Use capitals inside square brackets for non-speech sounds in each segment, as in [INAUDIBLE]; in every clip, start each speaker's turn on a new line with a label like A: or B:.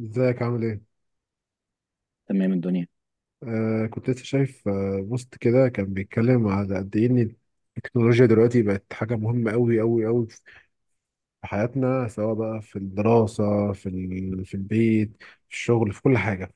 A: ازيك عامل ايه؟
B: تمام الدنيا.
A: آه، كنت لسه شايف بوست كده، كان بيتكلم على قد ايه ان التكنولوجيا دلوقتي بقت حاجة مهمة أوي أوي أوي في حياتنا، سواء بقى في الدراسة، في ال... في البيت، في الشغل، في كل حاجة.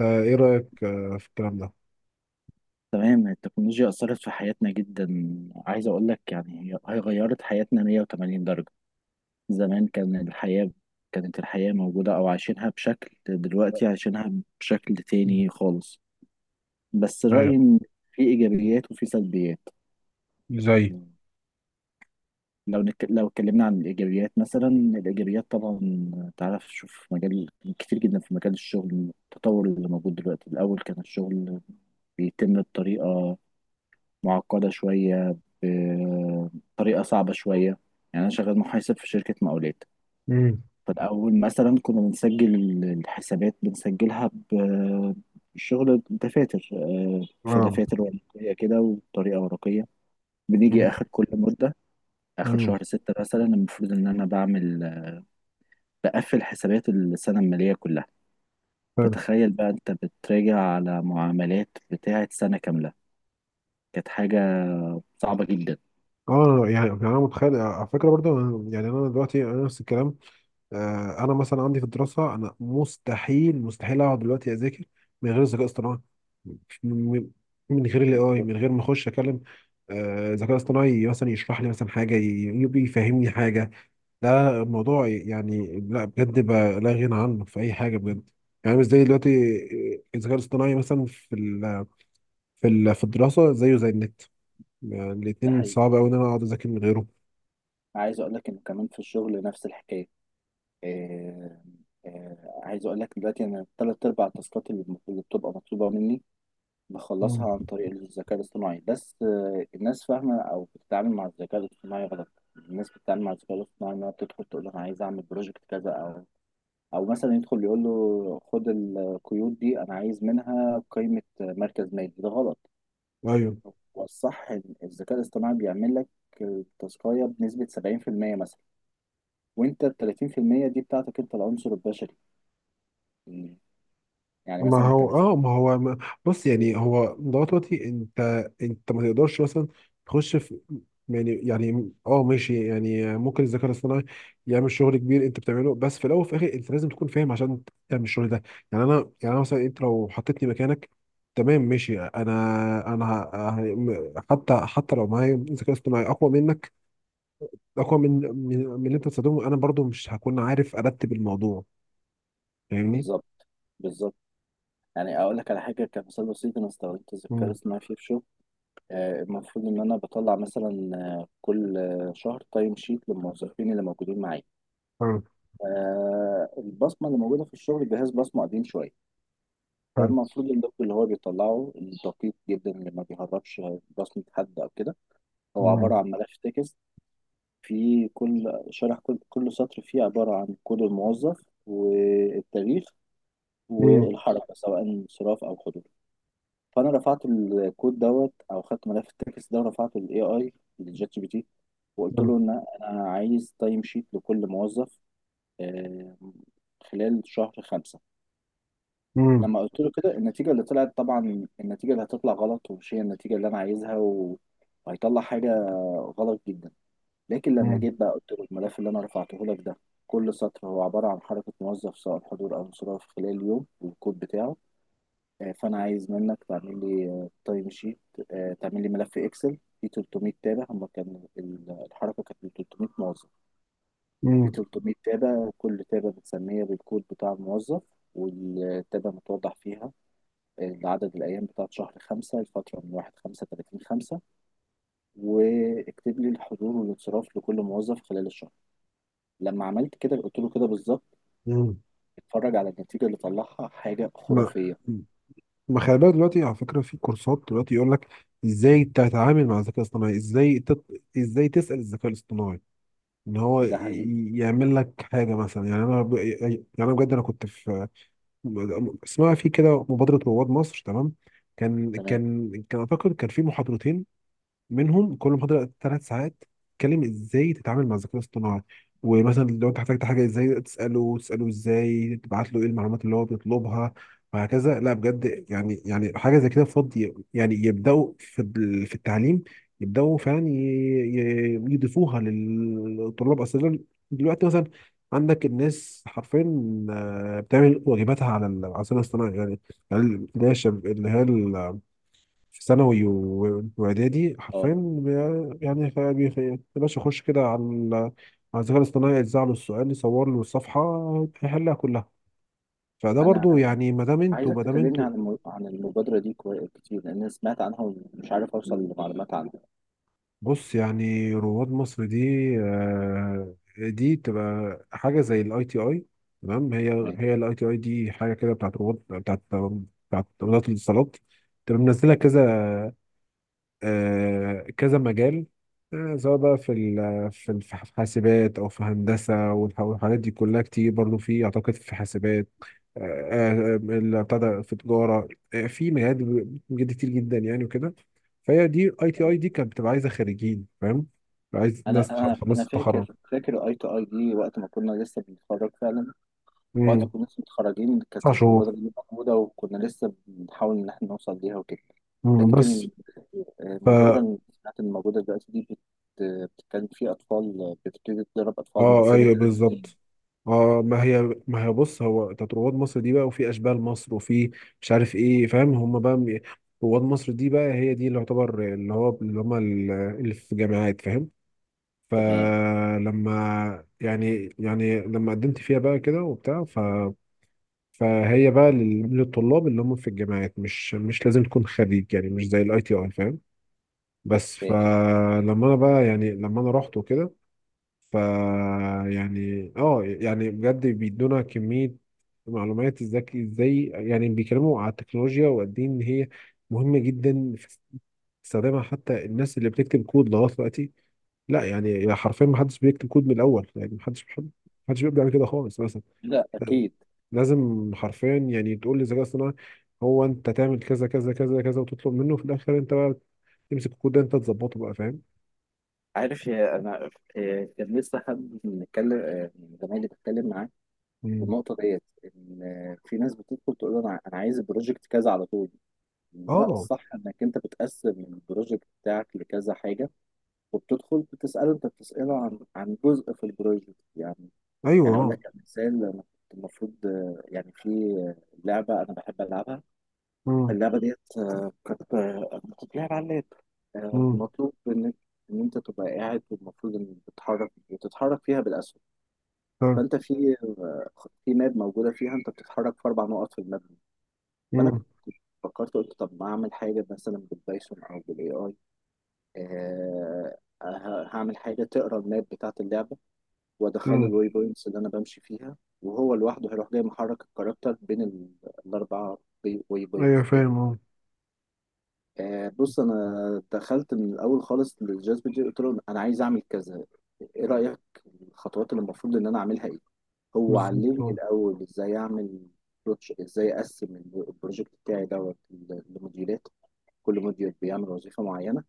A: آه ايه رأيك في الكلام ده؟
B: تمام، التكنولوجيا أثرت في حياتنا جدا. عايز أقول لك يعني هي غيرت حياتنا 180 درجة. زمان كانت الحياة موجودة، أو عايشينها بشكل، دلوقتي عايشينها بشكل
A: مم.
B: تاني خالص. بس رأيي
A: ايوه.
B: إن في إيجابيات وفي سلبيات.
A: زي.
B: لو اتكلمنا عن الإيجابيات، مثلا الإيجابيات طبعا تعرف، شوف مجال كتير جدا في مجال الشغل. التطور اللي موجود دلوقتي، الأول كان الشغل بيتم بطريقة معقدة شوية، بطريقة صعبة شوية. يعني أنا شغال محاسب في شركة مقاولات.
A: امم.
B: فالأول مثلا كنا بنسجل الحسابات، بنسجلها بشغل دفاتر، في
A: اه.
B: دفاتر ورقية كده وطريقة ورقية. بنيجي آخر كل مدة، آخر
A: امم.
B: شهر 6 مثلا المفروض إن أنا بقفل حسابات السنة المالية كلها.
A: حلو.
B: فتخيل بقى أنت بتراجع على معاملات بتاعة سنة كاملة، كانت حاجة صعبة جدا.
A: اه، يعني انا متخيل على فكره برضو. يعني انا دلوقتي انا نفس الكلام. آه، انا مثلا عندي في الدراسه، انا مستحيل مستحيل اقعد دلوقتي اذاكر من غير ذكاء اصطناعي، من من غير الـAI، من غير ما اخش اكلم ذكاء اصطناعي مثلا يشرح لي مثلا حاجه، ي- يبي يفهمني حاجه. لا الموضوع يعني لا بجد بقى لا غنى عنه في اي حاجه بجد. يعني مش زي دلوقتي، آه، الذكاء الاصطناعي مثلا في ال في الدراسه زيه زي النت. يعني
B: ده
A: الاتنين
B: حقيقي.
A: صعب قوي ان انا اقعد اذاكر من غيره.
B: عايز اقول لك انه كمان في الشغل نفس الحكايه. آه عايز اقول لك دلوقتي انا 3/4 التاسكات اللي بتبقى مطلوبه مني
A: مم.
B: بخلصها عن طريق الذكاء الاصطناعي. بس الناس فاهمه او بتتعامل مع الذكاء الاصطناعي غلط. الناس بتتعامل مع الذكاء الاصطناعي انها بتدخل تقول له انا عايز اعمل بروجكت كذا، او مثلا يدخل يقول له خد القيود دي انا عايز منها قيمه مركز مالي، ده غلط.
A: ايوه.
B: هو الصح إن الذكاء الاصطناعي بيعمل لك التاسكايه بنسبه 70% مثلا، وانت ال 30% دي بتاعتك انت العنصر البشري. مم. يعني
A: ما
B: مثلا
A: هو اه
B: كمثال.
A: ما هو ما بص، يعني هو ضغط وقتي. انت ما تقدرش مثلا تخش في... يعني ماشي، يعني ممكن الذكاء الاصطناعي يعمل شغل كبير انت بتعمله، بس في الاول وفي الاخر انت لازم تكون فاهم عشان تعمل الشغل ده. يعني انا... يعني انا مثلا، انت لو حطيتني مكانك، تمام ماشي. انا حتى لو معايا ذكاء اصطناعي اقوى منك، اقوى من اللي انت بتستخدمه، انا برضو مش هكون عارف ارتب الموضوع، فاهمني؟
B: بالظبط، بالظبط. يعني اقول لك على حاجه كمثال بسيط، انا استخدمت الذكاء
A: امم.
B: الاصطناعي فيه في شغل. المفروض ان انا بطلع مثلا، كل شهر تايم شيت للموظفين اللي موجودين معايا.
A: حلو.
B: البصمه اللي موجوده في الشغل جهاز بصمه قديم شويه.
A: حلو.
B: فالمفروض اللوج اللي هو بيطلعه دقيق جدا، اللي ما بيهربش بصمه حد او كده. هو عباره عن ملف تكست. في كل شرح كل سطر فيه عبارة عن كود الموظف والتاريخ
A: امم.
B: والحركة، سواء انصراف أو حضور. فأنا رفعت الكود دوت أو خدت ملف التكست ده ورفعته لل AI، للشات جي بي تي. وقلت له إن أنا عايز تايم شيت لكل موظف، آه، خلال شهر 5.
A: مم.
B: لما قلت له كده، النتيجة اللي هتطلع غلط، ومش هي النتيجة اللي أنا عايزها، وهيطلع حاجة غلط جدا. لكن لما
A: مم.
B: جيت بقى قلت له الملف اللي انا رفعته لك ده، كل سطر هو عباره عن حركه موظف سواء حضور او انصراف خلال اليوم والكود بتاعه. فانا عايز منك تعمل لي تايم شيت، تعمل لي ملف اكسل فيه 300 تابع. الحركه كانت من 300 موظف. فيه
A: مم.
B: 300 تابع، كل تابع بتسميها بالكود بتاع الموظف، والتابع متوضح فيها عدد الأيام بتاعت شهر 5، الفترة من 1/5 30/5، واكتب لي الحضور والانصراف لكل موظف خلال الشهر. لما عملت كده قلت له كده بالظبط،
A: مم.
B: اتفرج على النتيجة اللي طلعها، حاجة
A: ما
B: خرافية.
A: ما خلي بالك دلوقتي، على فكره، في كورسات دلوقتي يقول لك ازاي تتعامل مع الذكاء الاصطناعي، ازاي تت... ازاي تسال الذكاء الاصطناعي ان هو
B: ده حقيقي.
A: يعمل لك حاجه مثلا. يعني انا ب... يعني انا بجد انا كنت في... اسمها في كده مبادره رواد مصر، تمام.
B: تمام.
A: كان اعتقد كان في محاضرتين، منهم كل محاضرة 3 ساعات، تتكلم ازاي تتعامل مع الذكاء الاصطناعي، ومثلا لو انت احتجت حاجة ازاي تسأله ازاي تبعت له ايه المعلومات اللي هو بيطلبها وهكذا. لا بجد، يعني حاجة زي كده فاضي، يعني يبدأوا في ال- في التعليم، يبدأوا فعلا يضيفوها للطلاب أصلا. دلوقتي مثلا عندك الناس حرفيا آه، بتعمل واجباتها على ال- على الذكاء الاصطناعي. يعني يعني اللي هي اللي هي في ثانوي واعدادي
B: اه
A: حرفيا يا باشا اخش كده على ال- على الذكاء الاصطناعي، يجزع له السؤال، يصور له الصفحه، يحلها كلها. فده
B: انا
A: برضو يعني
B: عايزك
A: ما دام
B: تكلمني
A: انتوا...
B: عن عن المبادرة دي كتير لان أنا سمعت عنها ومش عارف اوصل لمعلومات عنها.
A: بص، يعني رواد مصر دي آه، دي تبقى حاجه زي الـITI، تمام؟ هي
B: تمام،
A: الـITI دي حاجه كده بتاعت رواد، بتاعت وزاره الاتصالات، تبقى منزله
B: تمام،
A: كذا آه، كذا مجال، آه، سواء بقى في ال- في ال- في حاسبات او في هندسه والحاجات دي كلها كتير. برضو في اعتقد في حاسبات، آه، آه، اللي ابتدى في تجاره، آه، في مجالات بجد كتير جدا، يعني وكده. فهي دي ITI
B: تمام.
A: دي كانت بتبقى عايزه خريجين، فاهم؟ عايز
B: انا
A: ناس
B: انا
A: خلصت
B: انا
A: التخرج.
B: فاكر اي تو اي دي وقت ما كنا لسه بنتخرج فعلا. وقت ما
A: مم.
B: كنا لسه متخرجين كانت
A: 9 شهور.
B: المبادرة دي موجودة، وكنا لسه بنحاول ان احنا نوصل ليها وكده.
A: مم، بس...
B: لكن المبادرة اللي سمعت إن موجودة دلوقتي دي بت- بتتكلم في أطفال، بتبتدي تدرب أطفال من
A: اه
B: سن
A: ايوه
B: 3 سنين.
A: بالظبط. اه، ما هي بص، هو بتاعت رواد مصر دي بقى، وفي اشبال مصر، وفي... مش عارف ايه، فاهم؟ هم بقى رواد مصر دي بقى هي دي اللي يعتبر اللي هو اللي هم ال- اللي في جامعات، فاهم؟
B: تمام.
A: فلما لما قدمت فيها بقى كده وبتاع، ف... فهي بقى لل- للطلاب اللي هم في الجامعات، مش لازم تكون خريج، يعني مش زي الـITI، فاهم؟ بس
B: إيه.
A: فلما انا بقى يعني لما انا رحت وكده، ف... يعني يعني بجد بيدونا كمية معلومات، ازاي يعني بيتكلموا على التكنولوجيا وقد ايه ان هي مهمة جدا في استخدامها، حتى الناس اللي بتكتب كود لغاية دلوقتي. لا يعني حرفيا، ما حدش بيكتب كود من الاول، يعني ما حدش بيبدأ من كده خالص مثلا.
B: لا
A: لا،
B: أكيد.
A: لازم حرفيا، يعني تقول للذكاء الصناعي هو انت تعمل كذا كذا كذا كذا، وتطلب منه في الاخر انت بقى تمسك الكود ده انت تظبطه بقى، فاهم؟
B: عارف يا أنا، إيه، كان لسه حد بنتكلم من زمايلي بتكلم معاه في
A: مم.
B: النقطة ديت، إن في ناس بتدخل تقول أنا عايز البروجكت كذا على طول. لا
A: اه
B: الصح إنك أنت بتقسم البروجكت بتاعك لكذا حاجة، وبتدخل بتسأله، أنت بتسأله عن جزء في البروجكت يعني
A: ايوه
B: يعني اقول
A: اه.
B: لك على مثال، انا كنت المفروض يعني في لعبه انا بحب العبها.
A: مم.
B: اللعبه ديت كانت بتتلعب على اللاب.
A: مم.
B: مطلوب ان انت تبقى قاعد، والمفروض ان بتتحرك فيها بالاسهم. فانت في في ماب موجوده فيها، انت بتتحرك في اربع نقط في الماب دي. فانا
A: مم.
B: كنت فكرت، قلت طب ما اعمل حاجه مثلا بالبايثون او بالاي اي، هعمل حاجه تقرا الماب بتاعت اللعبه وادخله
A: مم.
B: الواي بوينتس اللي انا بمشي فيها، وهو لوحده هيروح جاي محرك الكاركتر بين الاربعه واي
A: ايوه
B: بوينتس دي.
A: فاهم اه.
B: بص، انا دخلت من الاول خالص للجاذب دي، قلت له انا عايز اعمل كذا، ايه رايك، الخطوات اللي المفروض ان انا اعملها ايه. هو
A: بالظبط
B: علمني
A: اه.
B: الاول ازاي اعمل بروتش، ازاي اقسم البروجكت بتاعي دوت لموديولات، كل موديول بيعمل وظيفه معينه.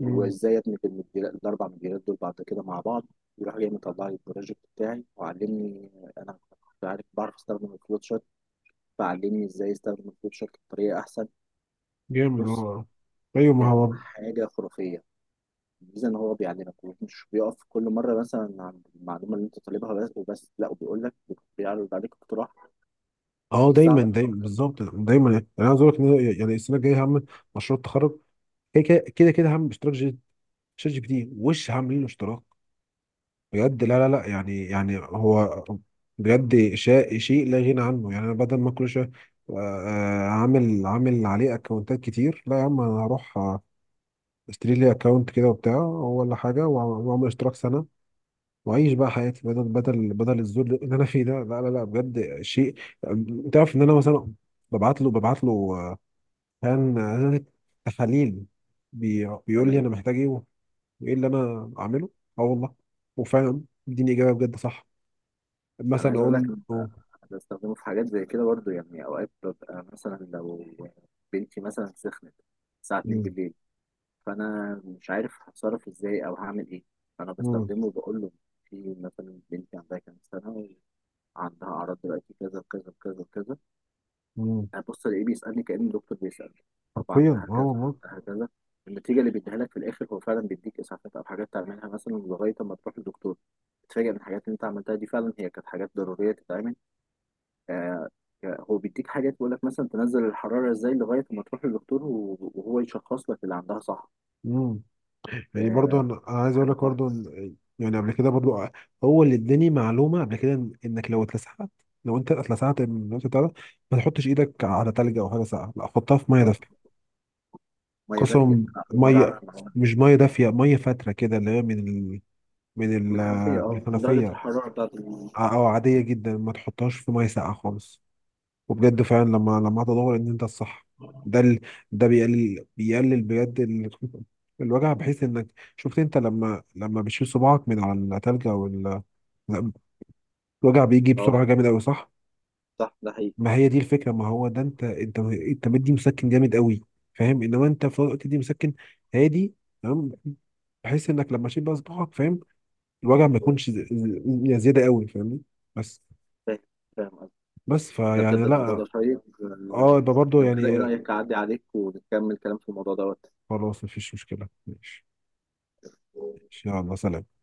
A: مم.
B: ادمج الاربع مديريات دول بعد كده مع بعض. يروح جاي مطلع لي البروجكت بتاعي وعلمني. انا كنت عارف بعرف استخدم الفلوت شارت، فعلمني ازاي استخدم الفلوت شارت بطريقه احسن.
A: جامد
B: بص،
A: اه. ايوه، ما
B: كان
A: هو
B: حاجه خرافيه. الميزه ان هو بيعلمك، مش بيقف كل مره مثلا عند المعلومه اللي انت طالبها بس وبس، لا، وبيقول لك، بيعرض عليك اقتراح
A: اه. دايما
B: يساعدك
A: دايما
B: اكتر.
A: بالظبط دايما، يعني انا عايز اقول لك ان أنا يعني السنه الجايه هم مشروع التخرج، كده كده كده كده، هم ChatGPT، وش عاملين له اشتراك. بجد لا لا لا، يعني هو بجد، شيء لا غنى عنه، يعني انا بدل ما كل شويه آه، عامل عليه اكونتات كتير. لا يا عم، انا هروح آه، اشتري لي اكونت كده وبتاع ولا حاجه، واعمل اشتراك سنه واعيش بقى حياتي، بدل الذل اللي انا فيه ده. لا لا لا بجد، شيء... انت عارف ان انا مثلا ببعت له آه، كان آه، تحاليل، بيقول لي
B: تمام.
A: انا محتاج ايه وايه اللي انا اعمله. اه والله، وفعلا اديني اجابه بجد صح.
B: انا
A: مثلا
B: عايز اقول لك
A: اقول له...
B: بستخدمه في حاجات زي كده برضو، يعني اوقات ببقى مثلا لو بنتي مثلا سخنت الساعه 2
A: مم،
B: بالليل، فانا مش عارف هتصرف ازاي او هعمل ايه. فانا
A: مم،
B: بستخدمه وبقول له، في مثلا بنتي عندها كام سنه، وعندها اعراض دلوقتي كذا كذا كذا كذا.
A: مم،
B: هبص الاقيه بيسالني كأن الدكتور بيسالني، طب
A: حرفيا
B: عندها
A: اه
B: كذا،
A: والله.
B: عندها كذا. النتيجه اللي بيديها لك في الاخر هو فعلا بيديك اسعافات او حاجات تعملها مثلا لغايه ما تروح للدكتور. تتفاجئ ان الحاجات اللي انت عملتها دي فعلا هي كانت حاجات ضروريه تتعمل. آه هو بيديك حاجات، بيقول لك مثلا تنزل الحراره ازاي لغايه ما تروح للدكتور وهو يشخص لك اللي عندها صح.
A: مم. يعني برضو
B: آه،
A: أنا عايز اقول
B: حاجة
A: لك
B: صح.
A: برضو إن-... يعني قبل كده برضو هو اللي اداني معلومه قبل كده إن-... انك لو اتلسعت، لو انت اتلسعت من الوقت بتاع ده، ما تحطش ايدك على تلج او حاجه ساقعه، لا حطها في ميه
B: آه،
A: دافيه.
B: ميه دافيه،
A: قسم.
B: أنا أول مرة
A: ميه...
B: أعرف المعلومة دي.
A: مش ميه دافيه، ميه فاتره كده اللي هي من ال... من ال...
B: من الحنفية،
A: من
B: من درجة
A: الحنفيه،
B: الحرارة بتاعت.
A: او عاديه جدا، ما تحطهاش في ميه ساقعه خالص. وبجد فعلا لما تدور ان انت الصح، ده ال... ده بيقلل بجد ال... [LAUGHS] الوجع، بحيث انك... شفت انت لما بتشيل صباعك من على التلج او ال... الوجع بيجي
B: أه
A: بسرعه جامد قوي، صح؟
B: صح، ده حقيقي.
A: ما هي دي الفكره، ما هو ده انت مدي مسكن جامد قوي، فاهم؟ انما انت في وقت دي مسكن هادي، تمام؟ بحيث انك لما تشيل بقى صباعك، فاهم؟ الوجع ما يكونش يعني زياده قوي، فاهمني؟ بس.
B: فاهم فاهم قصدي.
A: بس
B: ده بجد
A: فيعني
B: الموضوع ده
A: لا...
B: شيق.
A: اه، يبقى برضه
B: لو كده إيه
A: يعني...
B: رأيك أعدي عليك ونكمل كلام في الموضوع دوت.
A: خلاص، مفيش مشكله، ماشي. ان شاء الله، سلام.